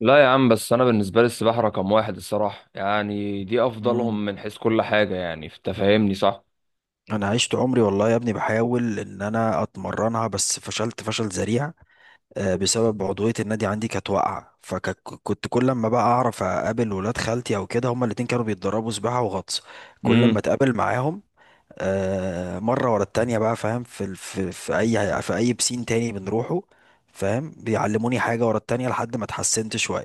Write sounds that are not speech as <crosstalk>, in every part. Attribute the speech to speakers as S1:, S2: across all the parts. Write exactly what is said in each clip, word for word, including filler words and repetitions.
S1: لا يا عم، بس انا بالنسبه لي السباحه رقم واحد الصراحه، يعني دي
S2: مم.
S1: افضلهم من حيث كل حاجه، يعني انت فاهمني، صح؟
S2: انا عشت عمري والله يا ابني بحاول ان انا اتمرنها، بس فشلت فشل ذريع. آه، بسبب عضويه النادي عندي كانت واقعه، فكنت كل ما بقى اعرف اقابل ولاد خالتي او كده، هما الاتنين كانوا بيتدربوا سباحه وغطس. كل ما
S1: امم.
S2: اتقابل معاهم آه، مره ورا التانيه بقى، فاهم، في ال- في في اي في اي بسين تاني بنروحه، فاهم، بيعلموني حاجه ورا التانيه لحد ما اتحسنت شويه.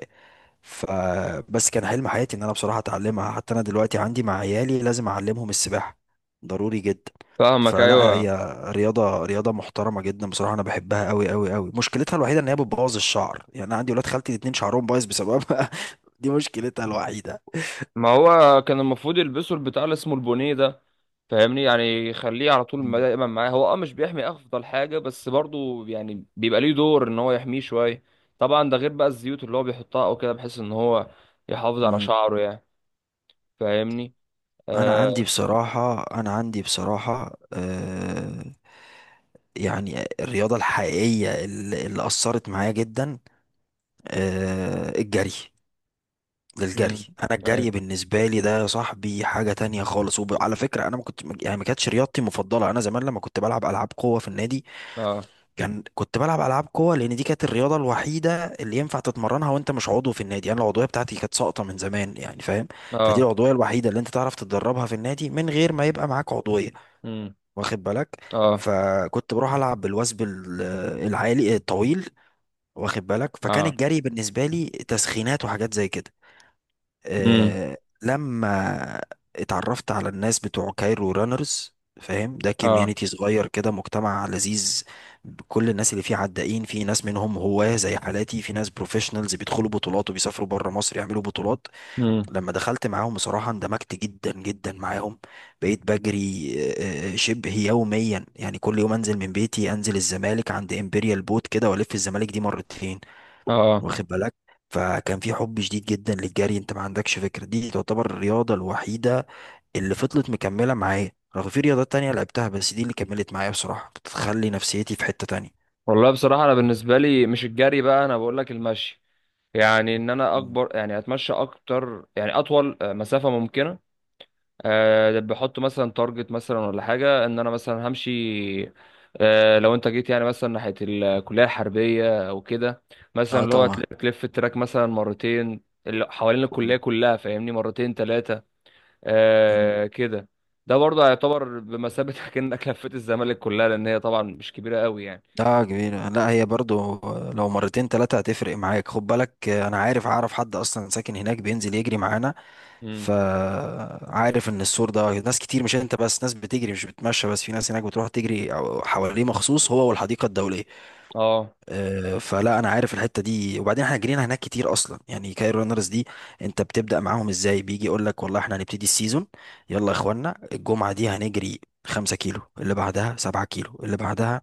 S2: فبس كان حلم حياتي ان انا بصراحه اتعلمها، حتى انا دلوقتي عندي مع عيالي لازم اعلمهم السباحه، ضروري جدا.
S1: فاهمك،
S2: فلا، هي
S1: ايوه.
S2: رياضه رياضه محترمه جدا بصراحه، انا بحبها قوي قوي قوي. مشكلتها الوحيده ان هي بتبوظ الشعر، يعني انا عندي ولاد خالتي الاتنين شعرهم بايظ بسببها. <laughs> دي مشكلتها الوحيده.
S1: ما هو كان المفروض يلبسوا البتاع اللي اسمه البونيه ده. فاهمني؟ يعني يخليه على طول ما-
S2: مم.
S1: دايما معاه، هو اه مش بيحمي افضل حاجه، بس برضو يعني بيبقى ليه دور ان هو يحميه شويه. طبعا ده غير بقى الزيوت اللي هو بيحطها او كده، بحيث ان هو يحافظ على
S2: مم.
S1: شعره يعني. فاهمني؟
S2: انا عندي
S1: آه.
S2: بصراحه انا عندي بصراحه آه يعني الرياضه الحقيقيه اللي اللي اثرت معايا جدا، آه الجري للجري.
S1: امم.
S2: انا
S1: اي.
S2: الجري بالنسبه لي ده يا صاحبي حاجه تانية خالص. وعلى فكره انا ما كنت يعني ما كانتش رياضتي المفضله. انا زمان لما كنت بلعب العاب قوه في النادي،
S1: اه.
S2: كان كنت بلعب العاب قوه لان دي كانت الرياضه الوحيده اللي ينفع تتمرنها وانت مش عضو في النادي. انا العضويه بتاعتي كانت ساقطه من زمان، يعني فاهم. فدي
S1: اه.
S2: العضويه الوحيده اللي انت تعرف تتدربها في النادي من غير ما يبقى معاك عضويه،
S1: امم.
S2: واخد بالك.
S1: اه.
S2: فكنت بروح العب بالوثب ال- العالي الطويل، واخد بالك. فكان
S1: اه.
S2: الجري بالنسبه لي تسخينات وحاجات زي كده.
S1: امم.
S2: آه، لما اتعرفت على الناس بتوع كايرو رانرز، فاهم، ده
S1: اه.
S2: كوميونيتي صغير كده، مجتمع لذيذ. كل الناس اللي فيه عدائين، في ناس منهم هواة زي حالاتي، في ناس بروفيشنالز بيدخلوا بطولات وبيسافروا بره مصر يعملوا بطولات.
S1: امم.
S2: لما دخلت معاهم بصراحة اندمجت جدا جدا معاهم. بقيت بجري آه، آه، آه، شبه يوميا، يعني كل يوم انزل من بيتي، انزل الزمالك عند امبريال بوت كده والف الزمالك دي مرتين،
S1: اه. آه.
S2: واخد بالك. فكان في حب شديد جدا للجري. انت ما عندكش فكره، دي تعتبر الرياضه الوحيده اللي فضلت مكمله معايا، رغم في رياضات تانية لعبتها بس دي اللي كملت معايا بصراحه، بتخلي نفسيتي في حته تانية.
S1: والله بصراحه انا بالنسبه لي مش الجري بقى، انا بقول لك المشي. يعني ان انا
S2: مم.
S1: اكبر، يعني اتمشى اكتر، يعني اطول آه، مسافه ممكنه. أه، بحط مثلا تارجت مثلا ولا حاجه ان انا مثلا همشي. أه، لو انت جيت يعني مثلا ناحيه الكليه الحربيه او كده، مثلا
S2: اه
S1: اللي هو
S2: طبعا.
S1: تل- تلف التراك مثلا مرتين، اللي حوالين الكليه
S2: مم.
S1: كلها، فاهمني؟ مرتين ثلاثه.
S2: مم.
S1: أه كده. ده برضه هيعتبر بمثابه <laughs> كأنك لفيت الزمالك كلها، لان هي طبعا مش كبيره قوي.
S2: لا، كبيرة، لا هي برضو لو مرتين تلاتة هتفرق معاك، خد بالك، انا عارف اعرف حد اصلا ساكن هناك بينزل يجري معانا.
S1: يعني.
S2: فعارف ان السور ده ناس كتير، مش انت بس، ناس بتجري مش بتمشى بس، في ناس هناك بتروح تجري حواليه مخصوص هو والحديقة الدولية.
S1: اه.
S2: آه، فلا انا عارف الحته دي، وبعدين احنا جرينا هناك كتير اصلا. يعني كاير رانرز دي انت بتبدا معاهم ازاي؟ بيجي يقول لك والله احنا هنبتدي السيزون، يلا يا اخوانا الجمعه دي هنجري 5 كيلو، اللي بعدها 7 كيلو، اللي بعدها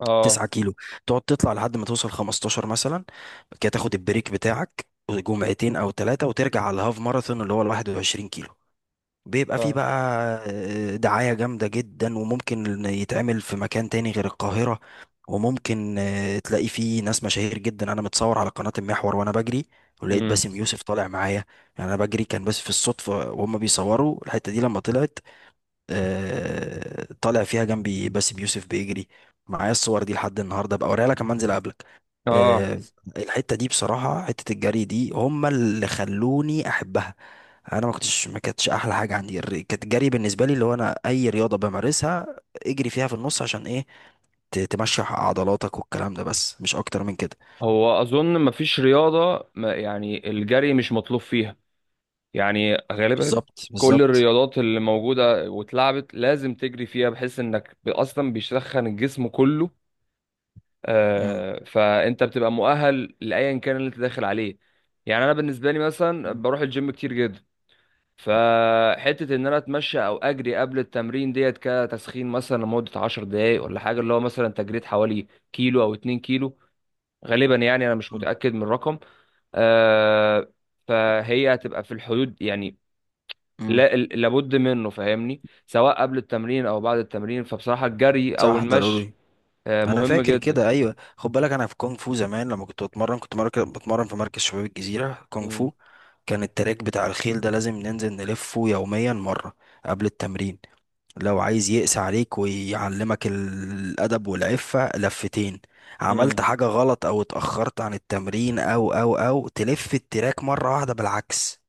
S1: اه.
S2: 9 كيلو، تقعد تطلع لحد ما توصل خمستاشر مثلا. بعد كده تاخد البريك بتاعك جمعتين او ثلاثه، وترجع على الهاف ماراثون اللي هو ال 21 كيلو. بيبقى فيه
S1: اه.
S2: بقى آه، دعاية جامدة جدا، وممكن يتعمل في مكان تاني غير القاهرة. وممكن آه، تلاقي فيه ناس مشاهير جدا، أنا متصور على قناة المحور وأنا بجري، ولقيت
S1: امم.
S2: باسم يوسف طالع معايا. يعني أنا بجري كان بس في الصدفة وهم بيصوروا الحتة دي، لما طلعت آه، طالع فيها جنبي باسم يوسف بيجري معايا. الصور دي لحد النهارده بقى، اوريها لك لما انزل قبلك.
S1: اه.
S2: آه، الحته دي بصراحه، حته الجري دي، هم اللي خلوني احبها. انا ما كنتش ما كانتش احلى حاجه عندي الر- كانت الجري. بالنسبه لي اللي هو انا اي رياضه بمارسها اجري فيها في النص عشان ايه، ت- تمشي عضلاتك والكلام ده، بس مش اكتر من كده.
S1: هو اظن مفيش رياضه، ما يعني الجري مش مطلوب فيها، يعني غالبا.
S2: بالظبط
S1: كل
S2: بالظبط.
S1: الرياضات اللي موجوده واتلعبت لازم تجري فيها، بحيث انك ب- اصلا بيسخن الجسم كله.
S2: امم.
S1: آه، فانت بتبقى مؤهل لايا كان اللي انت داخل عليه. يعني انا بالنسبه لي مثلا بروح الجيم كتير جدا، فحتة ان انا اتمشى او اجري قبل التمرين ديت كتسخين، مثلا لمدة عشر دقايق ولا حاجة، اللي هو مثلا تجريت حوالي كيلو او اتنين كيلو، غالبا، يعني انا مش متأكد من الرقم. آه. فهي هتبقى في الحدود يعني.
S2: امم.
S1: لا، ال- لابد منه، فاهمني، سواء قبل التمرين او بعد التمرين، فبصراحة الجري او
S2: صح
S1: المشي
S2: ضروري.
S1: آه
S2: انا
S1: مهم
S2: فاكر
S1: جدا.
S2: كده، ايوه، خد بالك، انا في كونغ فو زمان لما كنت بتمرن، كنت مركز بتمرن في مركز شباب الجزيره كونغ
S1: مم.
S2: فو. كان التراك بتاع الخيل ده لازم ننزل نلفه يوميا مره قبل التمرين. لو عايز يقسى عليك ويعلمك الادب والعفه لفتين. عملت
S1: مم.
S2: حاجه غلط او اتاخرت عن التمرين او او او تلف التراك مره واحده بالعكس.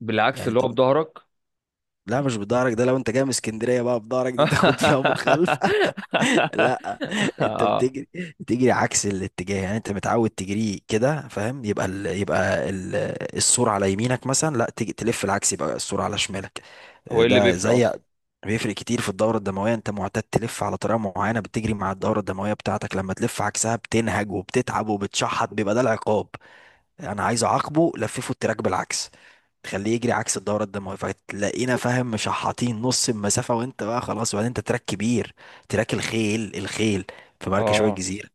S1: بالعكس،
S2: يعني
S1: اللي
S2: انت
S1: هو
S2: بت-
S1: بظهرك.
S2: لا، مش بضهرك. ده لو انت جاي من اسكندريه بقى بضهرك، دي تاخد فيها
S1: <laughs>
S2: مخالفه. <laughs> لا، انت
S1: اه.
S2: بتجري، بتجري عكس الاتجاه. يعني انت متعود تجري كده، فاهم، يبقى ال... يبقى ال... السرعه على يمينك مثلا، لا تيجي تلف العكس، يبقى السرعه على شمالك.
S1: هو ايه اللي
S2: ده
S1: بيفرق
S2: زي
S1: اصلا؟
S2: بيفرق كتير في الدوره الدمويه. انت معتاد تلف على طريقه معينه، بتجري مع الدوره الدمويه بتاعتك، لما تلف عكسها بتنهج وبتتعب وبتشحط، بيبقى ده العقاب. انا عايز اعاقبه لففه التراك بالعكس، تخليه يجري عكس الدورة الدموية. فتلاقينا فاهم مشحطين نص المسافة وانت بقى خلاص. وبعدين انت تراك كبير، تراك الخيل، الخيل في مركز شوية
S1: اه.
S2: الجزيرة.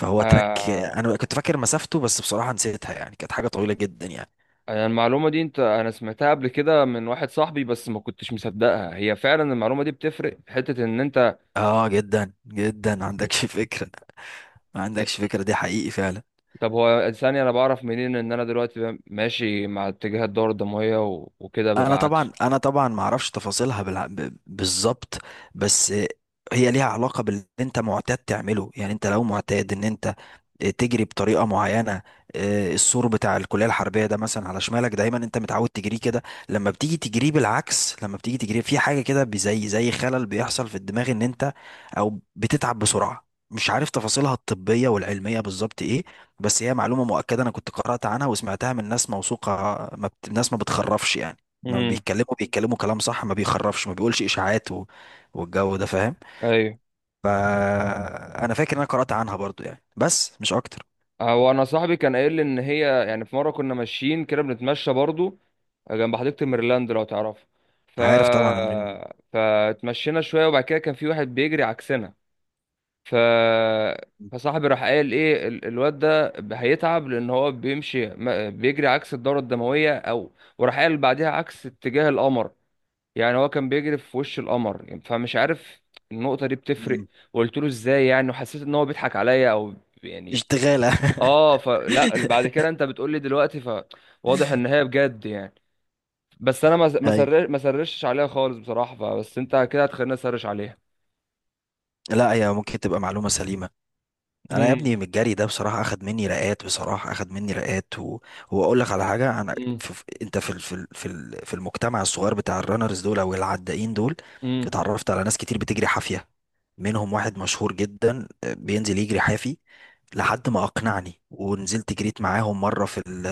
S2: فهو تراك
S1: آه.
S2: انا كنت فاكر مسافته بس بصراحة نسيتها، يعني كانت حاجة طويلة جدا يعني.
S1: انا المعلومه دي انت انا سمعتها قبل كده من واحد صاحبي، بس ما كنتش مصدقها. هي فعلا المعلومه دي بتفرق في حته ان انت.
S2: اه، جدا جدا، ما عندكش فكرة، ما
S1: آه،
S2: عندكش فكرة، دي حقيقي فعلا.
S1: طب هو ثانيه، انا بعرف منين ان انا دلوقتي ماشي مع اتجاه الدوره الدمويه و... وكده
S2: انا
S1: ببقى عكسه؟
S2: طبعا انا طبعا ما اعرفش تفاصيلها بالع- ب- بالظبط. بس هي ليها علاقه باللي انت معتاد تعمله، يعني انت لو معتاد ان انت تجري بطريقه معينه. آه، السور بتاع الكليه الحربيه ده مثلا على شمالك دايما، انت متعود تجريه كده. لما بتيجي تجريه بالعكس، لما بتيجي تجريه في حاجه كده بي- زي زي خلل بيحصل في الدماغ ان انت او بتتعب بسرعه. مش عارف تفاصيلها الطبيه والعلميه بالظبط ايه، بس هي معلومه مؤكده، انا كنت قرات عنها وسمعتها من ناس موثوقه. ما بت... ناس ما بتخرفش يعني، ما
S1: امم.
S2: بيتكلموا بيتكلموا كلام صح، ما بيخرفش، ما بيقولش اشاعات و... والجو ده، فاهم.
S1: ايوه.
S2: فانا فاكر ان انا قرأت عنها برضو يعني، بس مش اكتر.
S1: هو انا صاحبي كان قايل لي ان هي، يعني في مره كنا ماشيين كده بنتمشى برضو آه، جنب حديقه ميرلاند لو تعرف، ف
S2: عارف طبعا أمرين-
S1: فاتمشينا شويه، وبعد كده كان في واحد بيجري عكسنا، ف فصاحبي راح قال ايه ال- الواد ده هيتعب، لان هو بيمشي ما- بيجري عكس الدوره الدمويه. او، وراح قال بعدها عكس اتجاه القمر، يعني هو كان بيجري في وش القمر يعني، فمش عارف النقطه دي بتفرق.
S2: مم.
S1: وقلت له ازاي يعني، وحسيت ان هو بيضحك عليا او يعني.
S2: اشتغالة.
S1: اه، فلا بعد كده انت بتقول لي دلوقتي، فواضح ان هي بجد يعني. بس انا ما
S2: <laughs>
S1: ما
S2: أي.
S1: سر- ما سرشتش عليها خالص بصراحه، فبس انت كده هتخليني اسرش عليها.
S2: لا، هي ممكن تبقى معلومة سليمة. أنا يا
S1: امم.
S2: ابني من الجري ده بصراحة أخد مني رقات، بصراحة أخد مني رقات و... وأقول لك على حاجة. أنا
S1: امم.
S2: في... في- أنت في ال... في ال... في ال- في المجتمع الصغير بتاع الرانرز دول أو العدائين دول
S1: امم.
S2: اتعرفت على ناس كتير بتجري حافية، منهم واحد مشهور جدا آه، بينزل يجري حافي لحد ما اقنعني، ونزلت جريت معاهم مره في ال،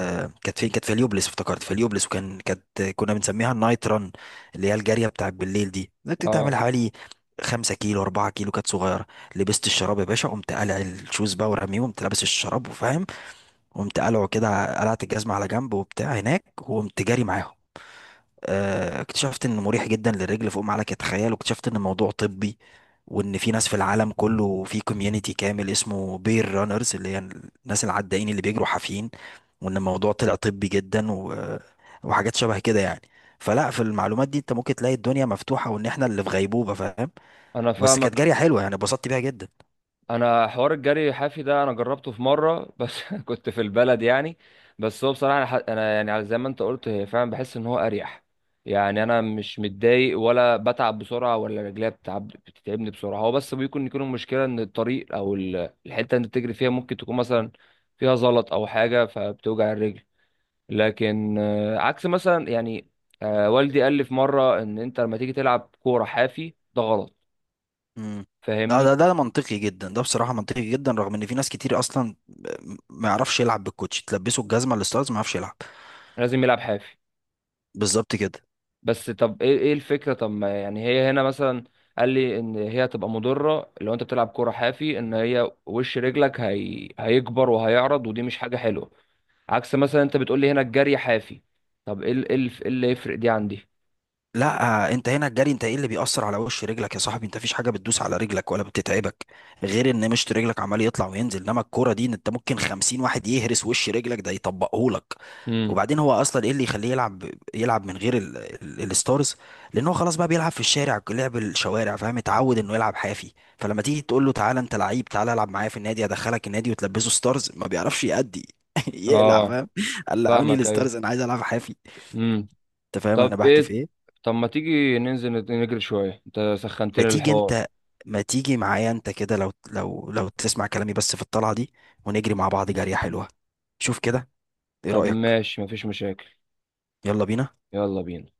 S2: كانت فين، كانت في اليوبلس، افتكرت في اليوبلس. وكان كانت كنا بنسميها النايت ران، اللي هي الجاريه بتاعت بالليل دي، كنت تعمل
S1: اه.
S2: حوالي خمسة كيلو، أربعة كيلو، كانت صغيرة. لبست الشراب يا باشا، قمت قلع الشوز بقى ورميه، قمت لابس الشراب، وفاهم، قمت قلعه كده، قلعت الجزمة على جنب وبتاع هناك، وقمت جاري معاهم. آه، اكتشفت انه مريح جدا للرجل فوق ما عليك تتخيل، واكتشفت ان الموضوع طبي، وان في ناس في العالم كله في كوميونتي كامل اسمه بير رانرز، اللي هي الناس العدائين اللي بيجروا حافيين، وان الموضوع طلع طبي جدا و... وحاجات شبه كده يعني. فلا في المعلومات دي انت ممكن تلاقي الدنيا مفتوحة، وان احنا اللي في غيبوبة، فاهم.
S1: انا
S2: بس كانت
S1: فاهمك.
S2: جارية حلوة يعني، اتبسطت بيها جدا.
S1: انا حوار الجري الحافي ده انا جربته في مره بس <laughs> كنت في البلد يعني. بس هو بصراحه، انا ح- أنا يعني على زي ما انت قلت، هي فعلا بحس ان هو اريح. يعني انا مش متضايق، ولا بتعب بسرعه، ولا رجليا بتعب بتتعبني بسرعه، هو بس بيكون يكون المشكله ان الطريق او ال- الحته اللي بتجري فيها ممكن تكون مثلا فيها زلط او حاجه فبتوجع الرجل. لكن آه، عكس مثلا يعني، آه، والدي قال لي في مره ان انت لما تيجي تلعب كوره حافي ده غلط.
S2: امم. اه،
S1: فاهمني؟
S2: ده ده منطقي جدا ده بصراحة منطقي جدا، رغم ان في ناس كتير اصلا ما يعرفش يلعب بالكوتش، تلبسه الجزمة الستارز ما يعرفش يلعب.
S1: لازم يلعب حافي.
S2: بالظبط كده.
S1: بس طب ايه ايه الفكره؟ طب ما يعني هي هنا مثلا قال لي ان هي هتبقى مضره لو انت بتلعب كوره حافي، ان هي وش رجلك هي... هيكبر وهيعرض، ودي مش حاجه حلوه. عكس مثلا انت بتقول لي هنا الجري حافي. طب ايه ال- ايه الف- إيه اللي يفرق دي عندي؟
S2: لا، آه، انت هنا الجري، انت ايه اللي بيأثر على وش رجلك يا صاحبي؟ انت مفيش حاجه بتدوس على رجلك ولا بتتعبك غير ان مشط رجلك عمال يطلع وينزل، انما الكوره دي انت ممكن خمسين واحد يهرس وش رجلك، ده يطبقهولك.
S1: امم.
S2: وبعدين هو اصلا ايه اللي يخليه يلعب؟ يلعب من غير ال... ال... الستارز، لان هو خلاص بقى بيلعب في الشارع، لعب الشوارع، فاهم، اتعود انه يلعب حافي. فلما تيجي تقول له تعالى انت لعيب، تعالى العب معايا في النادي، ادخلك النادي وتلبسه ستارز ما بيعرفش يأدي. <laughs> يقلع،
S1: اه.
S2: فاهم، قلعوني
S1: فاهمك، ايوه.
S2: الستارز، انا عايز العب حافي.
S1: امم.
S2: انت فاهم انا
S1: طب
S2: بحكي في
S1: ايه؟
S2: ايه؟
S1: طب ما تيجي ننزل نجري شويه، انت
S2: ما
S1: سخنتني
S2: تيجي
S1: الحوار.
S2: انت، ما تيجي معايا انت كده، لو لو لو تسمع كلامي بس، في الطلعة دي ونجري مع بعض جرية حلوة، شوف كده، ايه
S1: طب
S2: رأيك؟
S1: ماشي، مفيش مشاكل.
S2: يلا بينا.
S1: يلا بينا.